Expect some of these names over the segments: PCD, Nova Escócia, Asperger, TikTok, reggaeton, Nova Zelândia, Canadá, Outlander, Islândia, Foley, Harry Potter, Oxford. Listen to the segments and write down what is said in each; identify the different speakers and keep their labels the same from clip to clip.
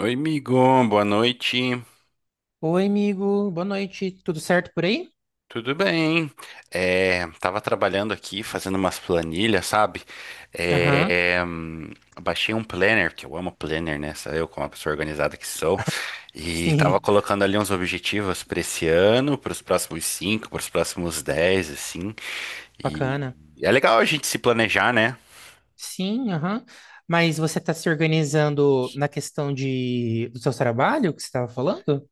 Speaker 1: Oi, amigo, boa noite.
Speaker 2: Oi, amigo. Boa noite. Tudo certo por aí?
Speaker 1: Tudo bem? É, tava trabalhando aqui, fazendo umas planilhas, sabe?
Speaker 2: Aham.
Speaker 1: É, baixei um planner, que eu amo planner, né? Sabe eu, como uma pessoa organizada que sou. E tava
Speaker 2: Sim.
Speaker 1: colocando ali uns objetivos para esse ano, para os próximos cinco, para os próximos dez, assim. E
Speaker 2: Bacana.
Speaker 1: é legal a gente se planejar, né?
Speaker 2: Sim, aham. Mas você está se organizando na questão de do seu trabalho que você estava falando?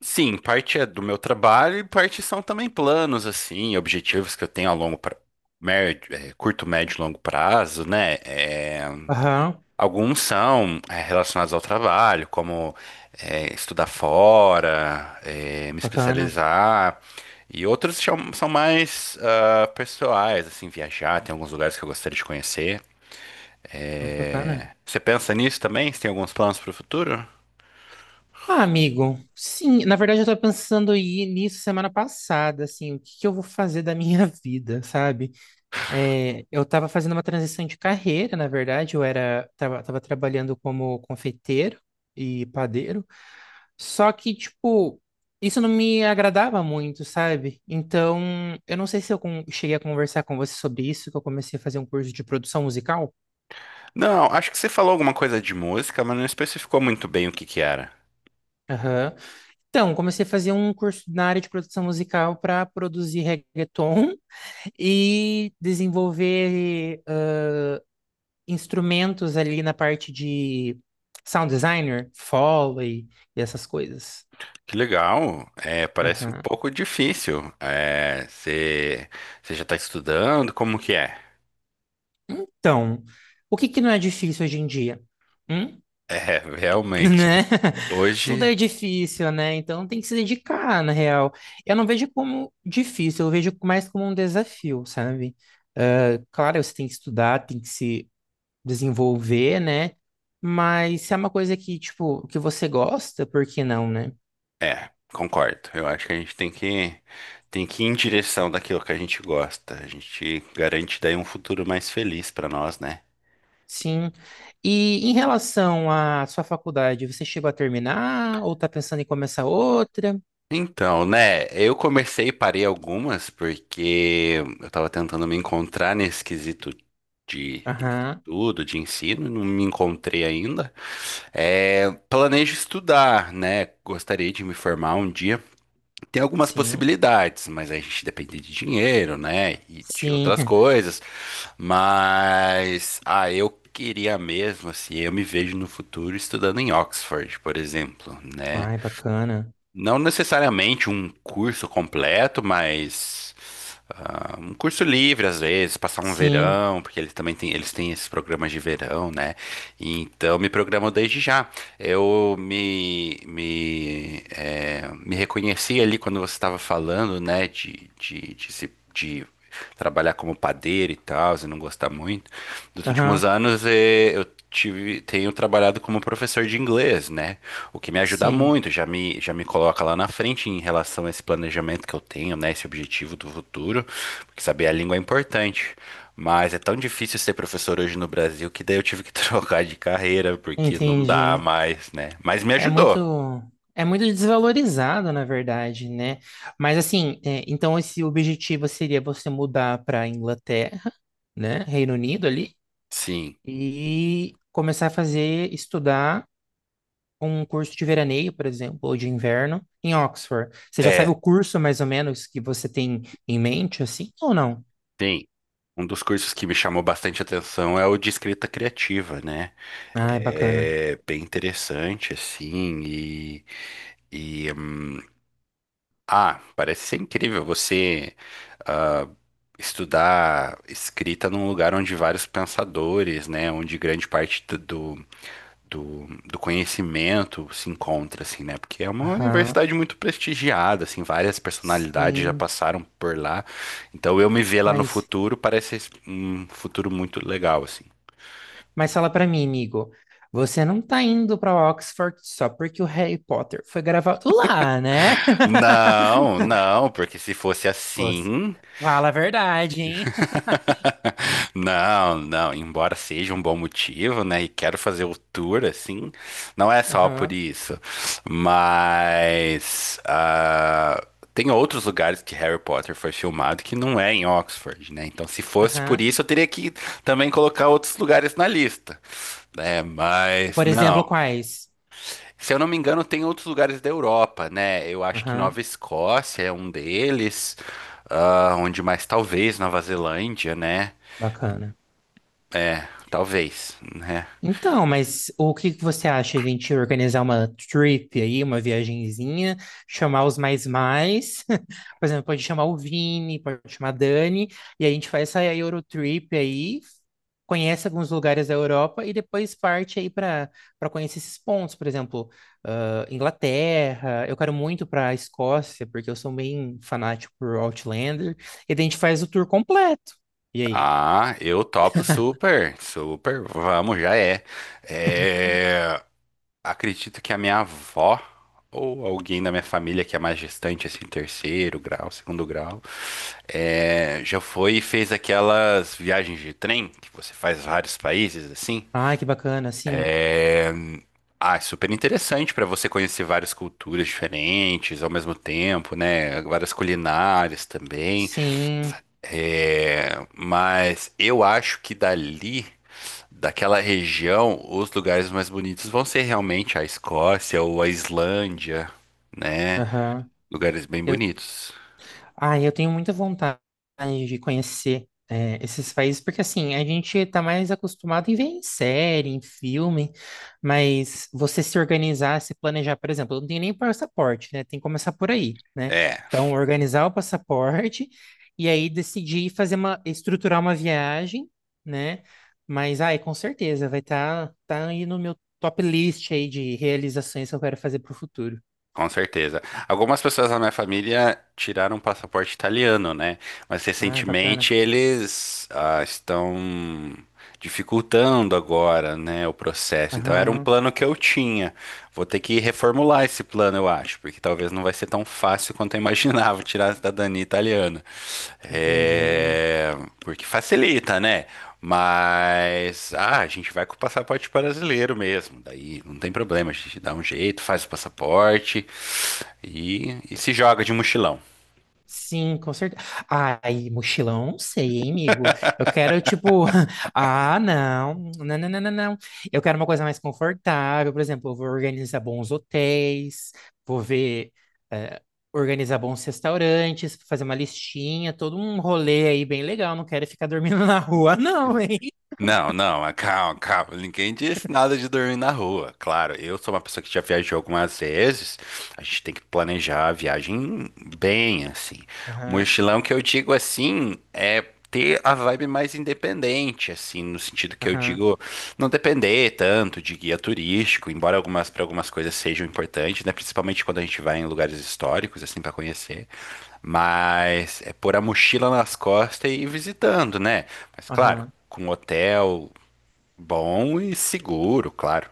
Speaker 1: Sim, parte é do meu trabalho e parte são também planos, assim, objetivos que eu tenho médio, curto, médio e longo prazo, né? É,
Speaker 2: Aham.
Speaker 1: alguns são relacionados ao trabalho, como estudar fora, me
Speaker 2: Bacana.
Speaker 1: especializar, e outros são mais pessoais, assim, viajar, tem alguns lugares que eu gostaria de conhecer.
Speaker 2: Ai, que bacana.
Speaker 1: É, você pensa nisso também? Você tem alguns planos para o futuro?
Speaker 2: Ah, amigo. Sim, na verdade eu estava pensando em ir nisso semana passada, assim, o que que eu vou fazer da minha vida, sabe? É, eu estava fazendo uma transição de carreira, na verdade, eu tava trabalhando como confeiteiro e padeiro. Só que, tipo, isso não me agradava muito, sabe? Então, eu não sei se eu cheguei a conversar com você sobre isso, que eu comecei a fazer um curso de produção musical.
Speaker 1: Não, acho que você falou alguma coisa de música, mas não especificou muito bem o que que era.
Speaker 2: Aham. Então, comecei a fazer um curso na área de produção musical para produzir reggaeton e desenvolver instrumentos ali na parte de sound designer, Foley e essas coisas.
Speaker 1: Que legal. É, parece um
Speaker 2: Aham.
Speaker 1: pouco difícil. É, você já está estudando? Como que é?
Speaker 2: Então, o que que não é difícil hoje em dia? Hum?
Speaker 1: É, realmente.
Speaker 2: Né? Tudo
Speaker 1: Hoje,
Speaker 2: é difícil, né? Então tem que se dedicar, na real. Eu não vejo como difícil, eu vejo mais como um desafio, sabe? Ah, claro, você tem que estudar, tem que se desenvolver, né? Mas se é uma coisa que, tipo, que você gosta, por que não, né?
Speaker 1: concordo. Eu acho que a gente tem que ir em direção daquilo que a gente gosta. A gente garante daí um futuro mais feliz para nós, né?
Speaker 2: Sim. E em relação à sua faculdade, você chegou a terminar ou tá pensando em começar outra?
Speaker 1: Então, né, eu comecei e parei algumas porque eu tava tentando me encontrar nesse quesito de
Speaker 2: Aham,
Speaker 1: tudo de ensino, não me encontrei ainda. É, planejo estudar, né? Gostaria de me formar um dia. Tem algumas
Speaker 2: sim.
Speaker 1: possibilidades, mas a gente depende de dinheiro, né? E de outras
Speaker 2: Sim.
Speaker 1: coisas. Mas, eu queria mesmo, assim, eu me vejo no futuro estudando em Oxford, por exemplo, né?
Speaker 2: Ai, bacana.
Speaker 1: Não necessariamente um curso completo, mas um curso livre às vezes, passar um
Speaker 2: Sim.
Speaker 1: verão, porque eles têm esses programas de verão, né? Então me programo desde já. Eu me reconheci ali quando você estava falando, né, de, se- de trabalhar como padeiro e tal, e não gostar muito. Nos últimos
Speaker 2: Aham.
Speaker 1: anos eu tive, tenho trabalhado como professor de inglês, né? O que me ajuda
Speaker 2: Sim,
Speaker 1: muito, já me coloca lá na frente em relação a esse planejamento que eu tenho, né? Esse objetivo do futuro, porque saber a língua é importante. Mas é tão difícil ser professor hoje no Brasil que daí eu tive que trocar de carreira, porque não dá
Speaker 2: entendi.
Speaker 1: mais, né? Mas me
Speaker 2: É muito,
Speaker 1: ajudou.
Speaker 2: é muito desvalorizado, na verdade, né? Mas assim, é, então esse objetivo seria você mudar para Inglaterra, né? Reino Unido ali,
Speaker 1: Sim,
Speaker 2: e começar a fazer, estudar um curso de veraneio, por exemplo, ou de inverno em Oxford. Você já sabe o
Speaker 1: é,
Speaker 2: curso mais ou menos que você tem em mente, assim, ou não?
Speaker 1: sim. Um dos cursos que me chamou bastante atenção é o de escrita criativa, né?
Speaker 2: Ah, é bacana.
Speaker 1: É bem interessante, assim, e, hum, ah, parece ser incrível você ah, estudar escrita num lugar onde vários pensadores, né, onde grande parte do conhecimento se encontra, assim, né, porque é uma
Speaker 2: Aham,
Speaker 1: universidade muito prestigiada, assim, várias personalidades já
Speaker 2: sim,
Speaker 1: passaram por lá, então eu me ver lá no
Speaker 2: mas
Speaker 1: futuro parece um futuro muito legal, assim.
Speaker 2: mas fala pra mim, amigo, você não tá indo pra Oxford só porque o Harry Potter foi gravado lá, né?
Speaker 1: Não, não, porque se fosse
Speaker 2: Você-
Speaker 1: assim,
Speaker 2: Fala a verdade, hein?
Speaker 1: não, não, embora seja um bom motivo, né? E quero fazer o tour assim, não é só por
Speaker 2: Aham,
Speaker 1: isso, mas tem outros lugares que Harry Potter foi filmado que não é em Oxford, né? Então, se fosse por
Speaker 2: aham.
Speaker 1: isso, eu teria que também colocar outros lugares na lista, né? Mas
Speaker 2: Por
Speaker 1: não,
Speaker 2: exemplo, quais?
Speaker 1: se eu não me engano, tem outros lugares da Europa, né? Eu acho que Nova
Speaker 2: Aham,
Speaker 1: Escócia é um deles, onde mais talvez Nova Zelândia, né?
Speaker 2: bacana.
Speaker 1: É, talvez, né?
Speaker 2: Então, mas o que que você acha de a gente organizar uma trip aí, uma viagenzinha, chamar os mais mais, por exemplo, pode chamar o Vini, pode chamar a Dani, e a gente faz essa Eurotrip aí, conhece alguns lugares da Europa e depois parte aí para conhecer esses pontos, por exemplo, Inglaterra, eu quero muito para a Escócia, porque eu sou bem fanático por Outlander, e daí a gente faz o tour completo. E aí?
Speaker 1: Ah, eu topo super, super, vamos, já é. É, acredito que a minha avó ou alguém da minha família que é mais distante, assim, terceiro grau, segundo grau, já foi e fez aquelas viagens de trem que você faz vários países, assim.
Speaker 2: Ai, que bacana, sim,
Speaker 1: Ah, é super interessante para você conhecer várias culturas diferentes ao mesmo tempo, né? Várias culinárias também.
Speaker 2: sim,
Speaker 1: É, mas eu acho que dali, daquela região, os lugares mais bonitos vão ser realmente a Escócia ou a Islândia, né?
Speaker 2: aham.
Speaker 1: Lugares bem
Speaker 2: Eu,
Speaker 1: bonitos.
Speaker 2: ah, eu tenho muita vontade de conhecer é, esses países, porque assim, a gente está mais acostumado em ver em série, em filme, mas você se organizar, se planejar, por exemplo, eu não tenho nem passaporte, né? Tem que começar por aí, né?
Speaker 1: É.
Speaker 2: Então, organizar o passaporte e aí decidir fazer uma, estruturar uma viagem, né? Mas, ai, com certeza, vai estar tá aí no meu top list aí de realizações que eu quero fazer para o futuro.
Speaker 1: Com certeza. Algumas pessoas da minha família tiraram o passaporte italiano, né? Mas
Speaker 2: Ai, bacana.
Speaker 1: recentemente eles estão dificultando agora, né, o processo. Então era um
Speaker 2: Aham,
Speaker 1: plano que eu tinha. Vou ter que reformular esse plano, eu acho, porque talvez não vai ser tão fácil quanto eu imaginava tirar a cidadania italiana.
Speaker 2: entendi.
Speaker 1: É, porque facilita, né? Mas a gente vai com o passaporte brasileiro mesmo. Daí não tem problema, a gente dá um jeito, faz o passaporte e se joga de mochilão.
Speaker 2: Sim, com certeza. Ai, mochilão, não sei, hein, amigo? Eu quero, tipo, ah, não, não, não, não, não, não. Eu quero uma coisa mais confortável, por exemplo, eu vou organizar bons hotéis, vou ver, eh, organizar bons restaurantes, fazer uma listinha, todo um rolê aí bem legal. Não quero ficar dormindo na rua, não, hein?
Speaker 1: Não, não, calma, calma. Ninguém disse nada de dormir na rua. Claro, eu sou uma pessoa que já viajou algumas vezes. A gente tem que planejar a viagem bem, assim.
Speaker 2: Aham,
Speaker 1: Mochilão que eu digo assim é ter a vibe mais independente, assim, no sentido que eu
Speaker 2: aham,
Speaker 1: digo não depender tanto de guia turístico, embora algumas para algumas coisas sejam importantes, né? Principalmente quando a gente vai em lugares históricos, assim, para conhecer. Mas é pôr a mochila nas costas e ir visitando, né? Mas claro,
Speaker 2: aham.
Speaker 1: com hotel bom e seguro, claro.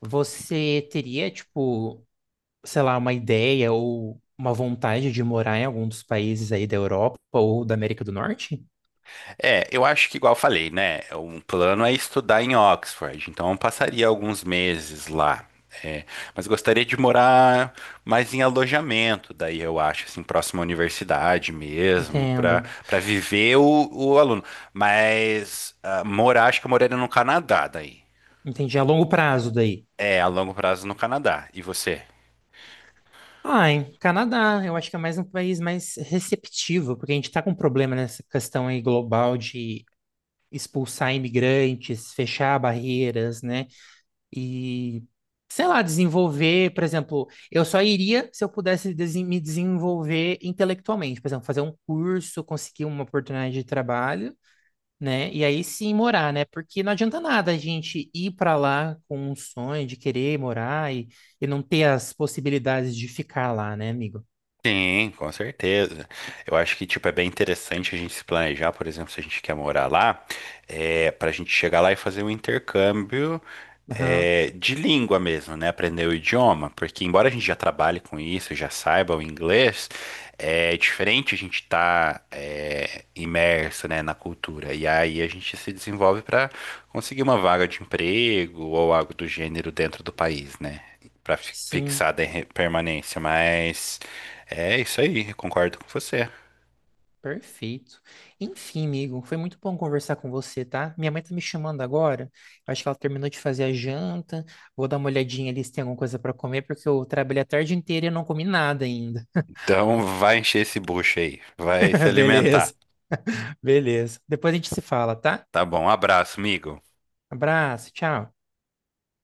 Speaker 2: Você teria, tipo, sei lá, uma ideia ou uma vontade de morar em algum dos países aí da Europa ou da América do Norte?
Speaker 1: É, eu acho que igual eu falei, né? Um plano é estudar em Oxford, então eu passaria alguns meses lá. É, mas gostaria de morar mais em alojamento, daí eu acho, assim, próximo à universidade mesmo, para
Speaker 2: Entendo.
Speaker 1: para viver o aluno. Mas morar, acho que eu moraria no Canadá daí.
Speaker 2: Entendi. A longo prazo daí.
Speaker 1: É, a longo prazo no Canadá. E você?
Speaker 2: Ah, em Canadá, eu acho que é mais um país mais receptivo, porque a gente está com um problema nessa questão aí global de expulsar imigrantes, fechar barreiras, né? E, sei lá, desenvolver, por exemplo, eu só iria se eu pudesse me desenvolver intelectualmente, por exemplo, fazer um curso, conseguir uma oportunidade de trabalho né? E aí sim morar, né? Porque não adianta nada a gente ir para lá com um sonho de querer morar e não ter as possibilidades de ficar lá, né, amigo?
Speaker 1: Sim, com certeza. Eu acho que, tipo, é bem interessante a gente se planejar, por exemplo, se a gente quer morar lá, para a gente chegar lá e fazer um intercâmbio,
Speaker 2: Aham,
Speaker 1: de língua mesmo, né? Aprender o idioma, porque embora a gente já trabalhe com isso, já saiba o inglês, é diferente a gente estar imerso, né, na cultura. E aí a gente se desenvolve para conseguir uma vaga de emprego ou algo do gênero dentro do país, né? Para
Speaker 2: sim,
Speaker 1: fixar a permanência, mas... É isso aí, eu concordo com você.
Speaker 2: perfeito. Enfim, amigo, foi muito bom conversar com você, tá? Minha mãe tá me chamando agora. Eu acho que ela terminou de fazer a janta. Vou dar uma olhadinha ali se tem alguma coisa para comer, porque eu trabalhei a tarde inteira e não comi nada ainda.
Speaker 1: Então vai encher esse bucho aí, vai se alimentar.
Speaker 2: Beleza, beleza. Depois a gente se fala, tá?
Speaker 1: Tá bom, um abraço, amigo.
Speaker 2: Abraço, tchau.